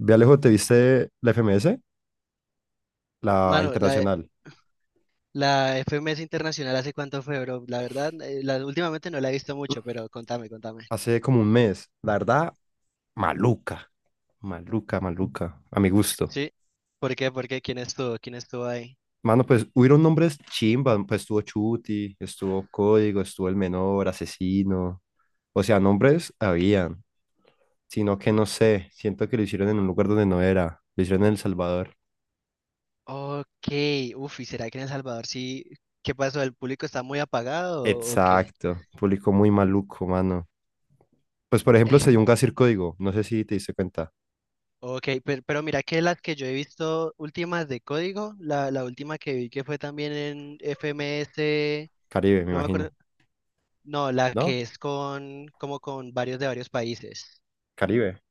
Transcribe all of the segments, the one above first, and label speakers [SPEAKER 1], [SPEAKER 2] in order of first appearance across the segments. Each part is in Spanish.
[SPEAKER 1] Ve Alejo, ¿te viste la FMS? La
[SPEAKER 2] Mano,
[SPEAKER 1] internacional.
[SPEAKER 2] la FMS Internacional, ¿hace cuánto fue, bro? La verdad, últimamente no la he visto mucho, pero contame.
[SPEAKER 1] Hace como 1 mes. La verdad, maluca. Maluca, maluca. A mi gusto.
[SPEAKER 2] ¿Sí? ¿Por qué? ¿Por qué? ¿Quién estuvo? ¿Quién estuvo ahí?
[SPEAKER 1] Mano, pues hubieron nombres chimba. Pues estuvo Chuti, estuvo Código, estuvo El Menor, Asesino. O sea, nombres habían. Sino que no sé. Siento que lo hicieron en un lugar donde no era. Lo hicieron en El Salvador.
[SPEAKER 2] Ok, uf, ¿y será que en El Salvador sí? ¿Qué pasó? ¿El público está muy apagado o qué?
[SPEAKER 1] Exacto. Público muy maluco, mano. Pues por ejemplo, se dio
[SPEAKER 2] Eh,
[SPEAKER 1] un Gasir Código. No sé si te diste cuenta.
[SPEAKER 2] Ok, pero mira que las que yo he visto últimas de código, la última que vi que fue también en FMS,
[SPEAKER 1] Caribe, me
[SPEAKER 2] no me acuerdo,
[SPEAKER 1] imagino.
[SPEAKER 2] no, la que
[SPEAKER 1] ¿No?
[SPEAKER 2] es con, como con varios de varios países.
[SPEAKER 1] Caribe.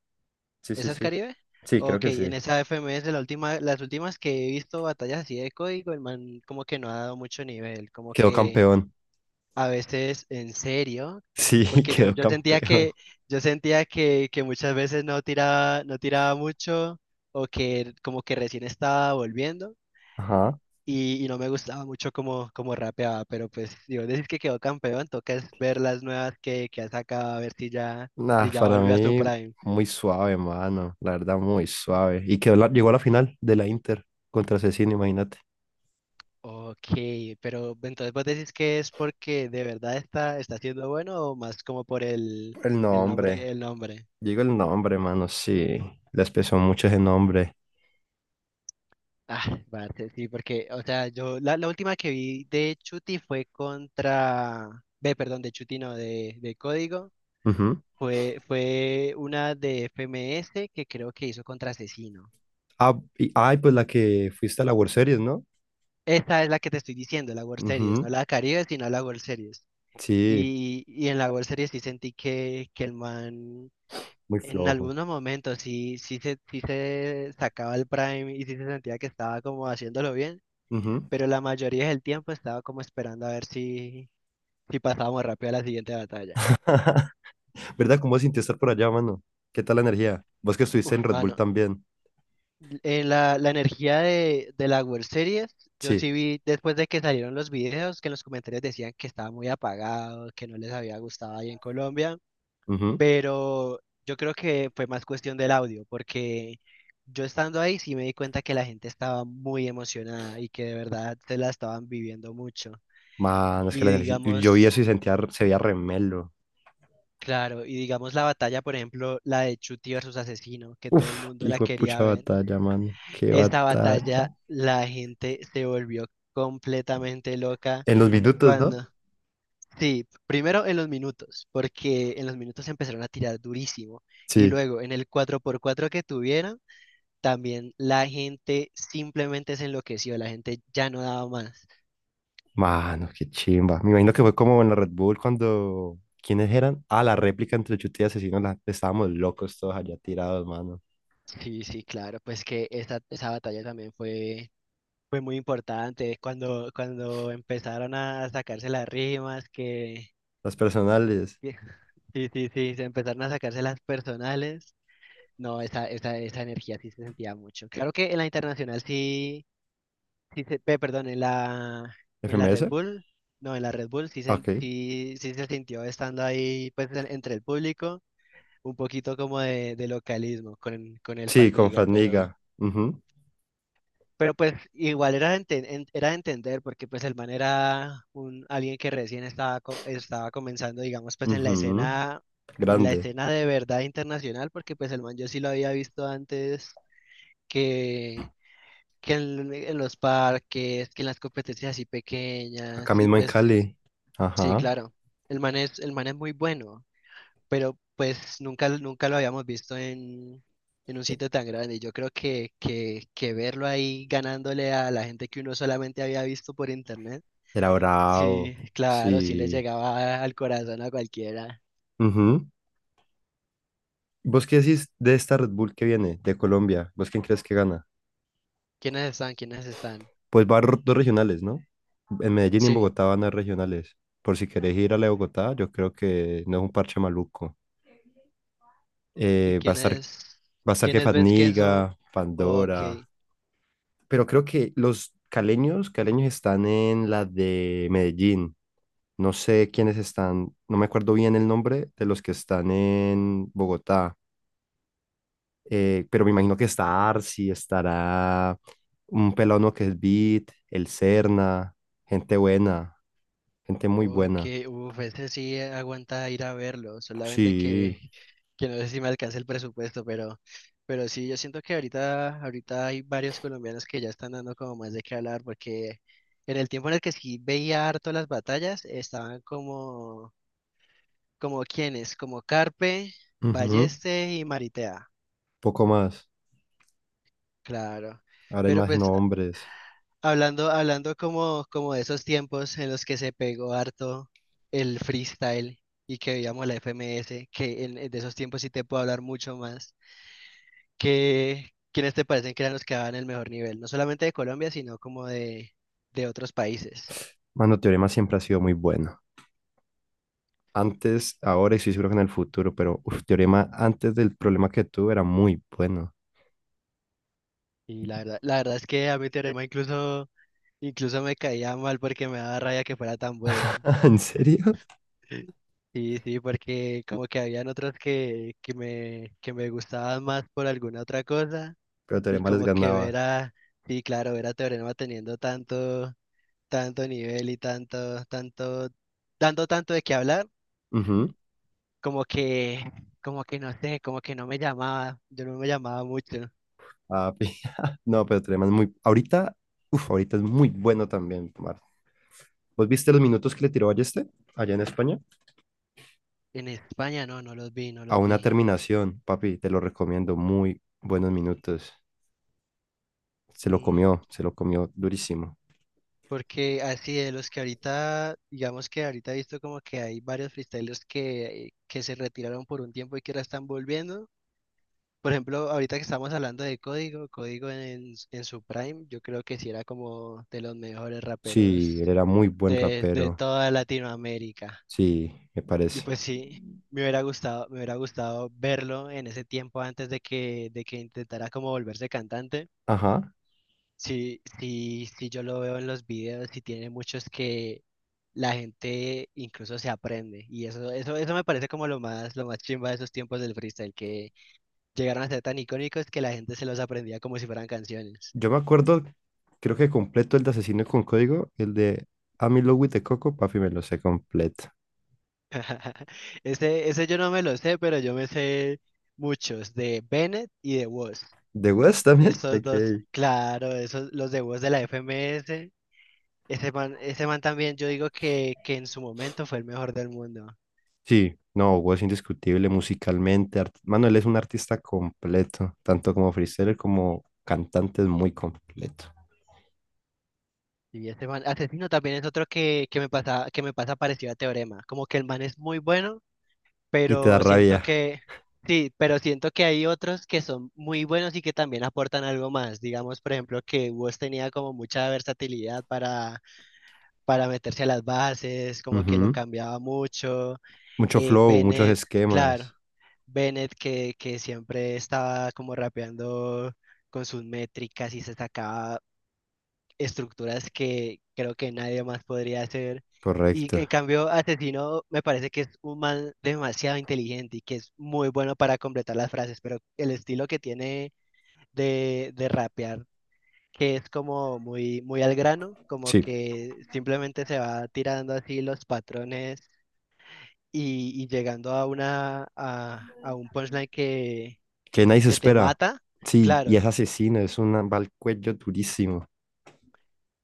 [SPEAKER 1] Sí, sí,
[SPEAKER 2] ¿Esa es
[SPEAKER 1] sí.
[SPEAKER 2] Caribe?
[SPEAKER 1] Sí, creo
[SPEAKER 2] Ok,
[SPEAKER 1] que
[SPEAKER 2] en
[SPEAKER 1] sí.
[SPEAKER 2] esa FMS la última, las últimas que he visto batallas así de código, el man como que no ha dado mucho nivel, como
[SPEAKER 1] Quedó
[SPEAKER 2] que
[SPEAKER 1] campeón.
[SPEAKER 2] a veces en serio,
[SPEAKER 1] Sí,
[SPEAKER 2] porque
[SPEAKER 1] quedó campeón.
[SPEAKER 2] yo sentía que muchas veces no tiraba, no tiraba mucho, o que como que recién estaba volviendo,
[SPEAKER 1] Ajá.
[SPEAKER 2] y no me gustaba mucho como, como rapeaba, pero pues digo, decir que quedó campeón, toca es ver las nuevas que ha sacado, a ver si ya,
[SPEAKER 1] Nah,
[SPEAKER 2] si ya
[SPEAKER 1] para
[SPEAKER 2] volvió a su
[SPEAKER 1] mí,
[SPEAKER 2] prime.
[SPEAKER 1] muy suave, mano. La verdad, muy suave. Y quedó llegó a la final de la Inter contra Cecina, imagínate.
[SPEAKER 2] Ok, pero entonces vos decís que es porque de verdad está, está siendo bueno o más como por el,
[SPEAKER 1] El nombre.
[SPEAKER 2] el nombre.
[SPEAKER 1] Digo el nombre, mano, sí. Les pesó mucho ese nombre.
[SPEAKER 2] Ah, vale, sí, porque, o sea, la última que vi de Chuti fue contra, ve, perdón, de Chuti no, de Código,
[SPEAKER 1] Ujú.
[SPEAKER 2] fue, fue una de FMS que creo que hizo contra Asesino.
[SPEAKER 1] Ah, y, ay, pues la que fuiste a la World Series, ¿no?
[SPEAKER 2] Esta es la que te estoy diciendo, la World Series, no
[SPEAKER 1] Ujú.
[SPEAKER 2] la Caribe, sino la World Series.
[SPEAKER 1] Sí.
[SPEAKER 2] Y en la World Series sí sentí que el man
[SPEAKER 1] Muy
[SPEAKER 2] en
[SPEAKER 1] flojo.
[SPEAKER 2] algunos momentos sí, sí se sacaba el prime y sí se sentía que estaba como haciéndolo bien,
[SPEAKER 1] Ujú.
[SPEAKER 2] pero la mayoría del tiempo estaba como esperando a ver si, si pasábamos rápido a la siguiente batalla.
[SPEAKER 1] ¿Verdad? ¿Cómo sentí estar por allá, mano? ¿Qué tal la energía? Vos que estuviste en
[SPEAKER 2] Uf,
[SPEAKER 1] Red Bull
[SPEAKER 2] mano,
[SPEAKER 1] también.
[SPEAKER 2] en la energía de la World Series, yo
[SPEAKER 1] Sí.
[SPEAKER 2] sí vi después de que salieron los videos que en los comentarios decían que estaba muy apagado, que no les había gustado ahí en Colombia,
[SPEAKER 1] Ujú.
[SPEAKER 2] pero yo creo que fue más cuestión del audio, porque yo estando ahí sí me di cuenta que la gente estaba muy emocionada y que de verdad se la estaban viviendo mucho.
[SPEAKER 1] Mano, es que
[SPEAKER 2] Y
[SPEAKER 1] la energía. Yo vi
[SPEAKER 2] digamos,
[SPEAKER 1] eso y sentía, se veía remelo.
[SPEAKER 2] claro, y digamos la batalla, por ejemplo, la de Chuty versus Asesino, que todo el
[SPEAKER 1] Uf, qué
[SPEAKER 2] mundo la
[SPEAKER 1] hijo de
[SPEAKER 2] quería
[SPEAKER 1] pucha
[SPEAKER 2] ver,
[SPEAKER 1] batalla, mano. Qué
[SPEAKER 2] esa batalla
[SPEAKER 1] batalla.
[SPEAKER 2] la gente se volvió completamente loca
[SPEAKER 1] En los minutos, ¿no?
[SPEAKER 2] cuando... Sí, primero en los minutos, porque en los minutos empezaron a tirar durísimo y
[SPEAKER 1] Sí.
[SPEAKER 2] luego en el cuatro por cuatro que tuvieron también la gente simplemente se enloqueció, la gente ya no daba más.
[SPEAKER 1] Mano, qué chimba. Me imagino que fue como en la Red Bull cuando. ¿Quiénes eran? Ah, la réplica entre Chute y Asesino. Estábamos locos todos allá tirados, mano.
[SPEAKER 2] Sí, sí, claro, pues que esa batalla también fue, fue muy importante cuando, cuando empezaron a sacarse las rimas, que,
[SPEAKER 1] Las personales.
[SPEAKER 2] que- sí, sí, sí, se empezaron a sacarse las personales. No, esa energía sí se sentía mucho. Claro que en la internacional sí, perdón, en en la Red
[SPEAKER 1] ¿FMS?
[SPEAKER 2] Bull, no, en la Red Bull sí se,
[SPEAKER 1] Ok.
[SPEAKER 2] sí se sintió estando ahí pues entre el público, un poquito como de localismo con el
[SPEAKER 1] Sí, con
[SPEAKER 2] Fatniga,
[SPEAKER 1] Faniga. Ujú,
[SPEAKER 2] pero pues igual era de, era de entender porque pues el man era un, alguien que recién estaba, estaba comenzando, digamos, pues
[SPEAKER 1] ujú.
[SPEAKER 2] en la
[SPEAKER 1] Grande.
[SPEAKER 2] escena de verdad internacional, porque pues el man yo sí lo había visto antes que, que en los parques, que en las competencias así
[SPEAKER 1] Acá
[SPEAKER 2] pequeñas, y
[SPEAKER 1] mismo en
[SPEAKER 2] pues
[SPEAKER 1] Cali.
[SPEAKER 2] sí,
[SPEAKER 1] Ajá.
[SPEAKER 2] claro, el man es muy bueno, pero pues nunca lo habíamos visto en un
[SPEAKER 1] E-
[SPEAKER 2] sitio tan grande. Y yo creo que, que verlo ahí ganándole a la gente que uno solamente había visto por internet,
[SPEAKER 1] Era bravo.
[SPEAKER 2] sí, claro, sí le
[SPEAKER 1] Sí.
[SPEAKER 2] llegaba al corazón a cualquiera.
[SPEAKER 1] Ujú. ¿Vos qué decís de esta Red Bull que viene de Colombia? ¿Vos quién crees que gana?
[SPEAKER 2] ¿Quiénes están? ¿Quiénes están?
[SPEAKER 1] Pues dos regionales, ¿no? En Medellín y en
[SPEAKER 2] Sí.
[SPEAKER 1] Bogotá van a regionales. Por si querés ir a la de Bogotá, yo creo que no es un parche maluco.
[SPEAKER 2] ¿Y
[SPEAKER 1] Eh, va a estar,
[SPEAKER 2] quiénes,
[SPEAKER 1] Va a estar
[SPEAKER 2] quiénes ves que
[SPEAKER 1] Fadniga,
[SPEAKER 2] son? Ok.
[SPEAKER 1] Pandora. Pero creo que los caleños están en la de Medellín. No sé quiénes están, no me acuerdo bien el nombre de los que están en Bogotá, pero me imagino que está Arsi, estará un pelado que es Beat, el Serna, gente buena, gente muy
[SPEAKER 2] Ok,
[SPEAKER 1] buena.
[SPEAKER 2] uff, ese sí aguanta ir a verlo, solamente
[SPEAKER 1] Sí,
[SPEAKER 2] que no sé si me alcanza el presupuesto, pero sí, yo siento que ahorita hay varios colombianos que ya están dando como más de qué hablar, porque en el tiempo en el que sí veía harto las batallas, estaban como, como quiénes, como Carpe,
[SPEAKER 1] ujú.
[SPEAKER 2] Balleste y Maritea,
[SPEAKER 1] Poco más.
[SPEAKER 2] claro,
[SPEAKER 1] Ahora hay
[SPEAKER 2] pero
[SPEAKER 1] más
[SPEAKER 2] pues
[SPEAKER 1] nombres.
[SPEAKER 2] hablando, hablando como, como de esos tiempos en los que se pegó harto el freestyle y que veíamos la FMS, que en de esos tiempos sí te puedo hablar mucho más, que quiénes te parecen que eran los que daban el mejor nivel, no solamente de Colombia, sino como de otros países.
[SPEAKER 1] Mano, Teorema siempre ha sido muy bueno. Antes, ahora y estoy seguro que en el futuro, pero uf, Teorema antes del problema que tuve era muy bueno.
[SPEAKER 2] Y la verdad es que a mi teorema incluso, incluso me caía mal porque me daba rabia que fuera tan bueno.
[SPEAKER 1] ¿En serio?
[SPEAKER 2] Sí, sí, porque como que habían otros que, que me gustaban más por alguna otra cosa
[SPEAKER 1] Pero
[SPEAKER 2] y
[SPEAKER 1] Teorema les
[SPEAKER 2] como que
[SPEAKER 1] ganaba.
[SPEAKER 2] sí, claro, ver a Teorema teniendo tanto, tanto nivel y tanto, tanto, dando tanto de qué hablar,
[SPEAKER 1] Ujú.
[SPEAKER 2] como que, como que no sé, como que no me llamaba, yo no me llamaba mucho.
[SPEAKER 1] Ah, no, pero Teorema es muy... Ahorita, uf, ahorita es muy bueno también, Mar. ¿Vos viste los minutos que le tiró a este allá en España?
[SPEAKER 2] En España no, no los vi, no
[SPEAKER 1] A
[SPEAKER 2] los
[SPEAKER 1] una
[SPEAKER 2] vi.
[SPEAKER 1] terminación, papi, te lo recomiendo. Muy buenos minutos.
[SPEAKER 2] Mm,
[SPEAKER 1] Se lo comió durísimo.
[SPEAKER 2] porque así de los que ahorita, digamos que ahorita he visto como que hay varios freestylers que se retiraron por un tiempo y que ahora están volviendo. Por ejemplo, ahorita que estamos hablando de Código, Código en su prime, yo creo que sí era como de los mejores
[SPEAKER 1] Sí, él
[SPEAKER 2] raperos
[SPEAKER 1] era muy buen
[SPEAKER 2] de
[SPEAKER 1] rapero.
[SPEAKER 2] toda Latinoamérica.
[SPEAKER 1] Sí, me
[SPEAKER 2] Y
[SPEAKER 1] parece.
[SPEAKER 2] pues sí, me hubiera gustado verlo en ese tiempo antes de que intentara como volverse cantante.
[SPEAKER 1] Ajá.
[SPEAKER 2] Sí, sí, sí, yo lo veo en los videos y tiene muchos que la gente incluso se aprende. Y eso me parece como lo más chimba de esos tiempos del freestyle, que llegaron a ser tan icónicos que la gente se los aprendía como si fueran canciones.
[SPEAKER 1] Yo me acuerdo, creo que completo el de Asesino con Código, el de I'm in Love Coco, papi, me lo sé completo.
[SPEAKER 2] Ese yo no me lo sé, pero yo me sé muchos, de Bennett y de Woz.
[SPEAKER 1] ¿De West también?
[SPEAKER 2] Esos dos,
[SPEAKER 1] Ok.
[SPEAKER 2] claro, esos, los de Woz de la FMS. Ese man también, yo digo que en su momento fue el mejor del mundo.
[SPEAKER 1] Sí, no, Hugo indiscutible musicalmente. Mano, él es un artista completo, tanto como freestyler como cantante, es muy completo.
[SPEAKER 2] Y ese man, Asesino también es otro que, que me pasa parecido a Teorema. Como que el man es muy bueno,
[SPEAKER 1] Y te da
[SPEAKER 2] pero siento
[SPEAKER 1] rabia.
[SPEAKER 2] que, sí, pero siento que hay otros que son muy buenos y que también aportan algo más. Digamos, por ejemplo, que Woz tenía como mucha versatilidad para meterse a las bases, como que lo
[SPEAKER 1] Ujú.
[SPEAKER 2] cambiaba mucho.
[SPEAKER 1] Mucho flow, muchos
[SPEAKER 2] Bennett, claro,
[SPEAKER 1] esquemas.
[SPEAKER 2] Bennett que siempre estaba como rapeando con sus métricas y se sacaba estructuras que creo que nadie más podría hacer. Y
[SPEAKER 1] Correcto.
[SPEAKER 2] en cambio, Asesino me parece que es un man demasiado inteligente y que es muy bueno para completar las frases, pero el estilo que tiene de rapear, que es como muy, muy al grano, como
[SPEAKER 1] Sí,
[SPEAKER 2] que simplemente se va tirando así los patrones y llegando a una, a un punchline
[SPEAKER 1] que nadie se
[SPEAKER 2] que te
[SPEAKER 1] espera.
[SPEAKER 2] mata.
[SPEAKER 1] Sí, y
[SPEAKER 2] Claro,
[SPEAKER 1] es asesino, es un va al cuello durísimo.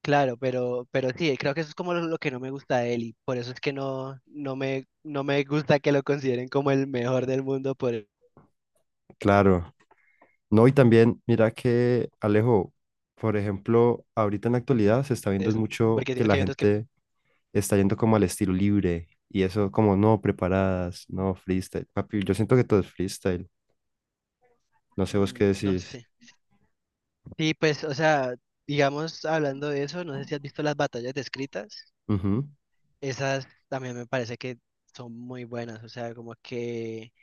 [SPEAKER 2] Claro, pero sí, creo que eso es como lo que no me gusta de él y por eso es que no, no me gusta que lo consideren como el mejor del mundo por
[SPEAKER 1] Claro. No, y también, mira que Alejo, por ejemplo, ahorita en la actualidad se está viendo
[SPEAKER 2] eso,
[SPEAKER 1] mucho
[SPEAKER 2] porque
[SPEAKER 1] que
[SPEAKER 2] siento
[SPEAKER 1] la
[SPEAKER 2] que hay otros que,
[SPEAKER 1] gente está yendo como al estilo libre y eso como no preparadas, no freestyle. Papi, yo siento que todo es freestyle. No sé vos qué
[SPEAKER 2] mm, no
[SPEAKER 1] decís.
[SPEAKER 2] sé. Sí, pues, o sea, digamos, hablando de eso, no sé si has visto las batallas descritas,
[SPEAKER 1] Ujú.
[SPEAKER 2] esas también me parece que son muy buenas, o sea, como que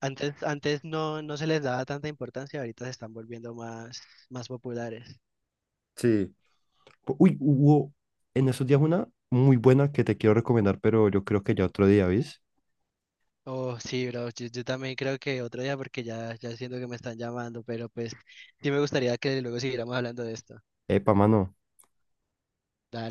[SPEAKER 2] antes no, no se les daba tanta importancia, ahorita se están volviendo más, más populares.
[SPEAKER 1] Sí. Uy, hubo en esos días una muy buena que te quiero recomendar, pero yo creo que ya otro día, ¿vís?
[SPEAKER 2] Oh, sí, bro, yo también creo que otro día porque ya, ya siento que me están llamando, pero pues sí me gustaría que luego siguiéramos hablando de esto.
[SPEAKER 1] Epa, mano.
[SPEAKER 2] Dale.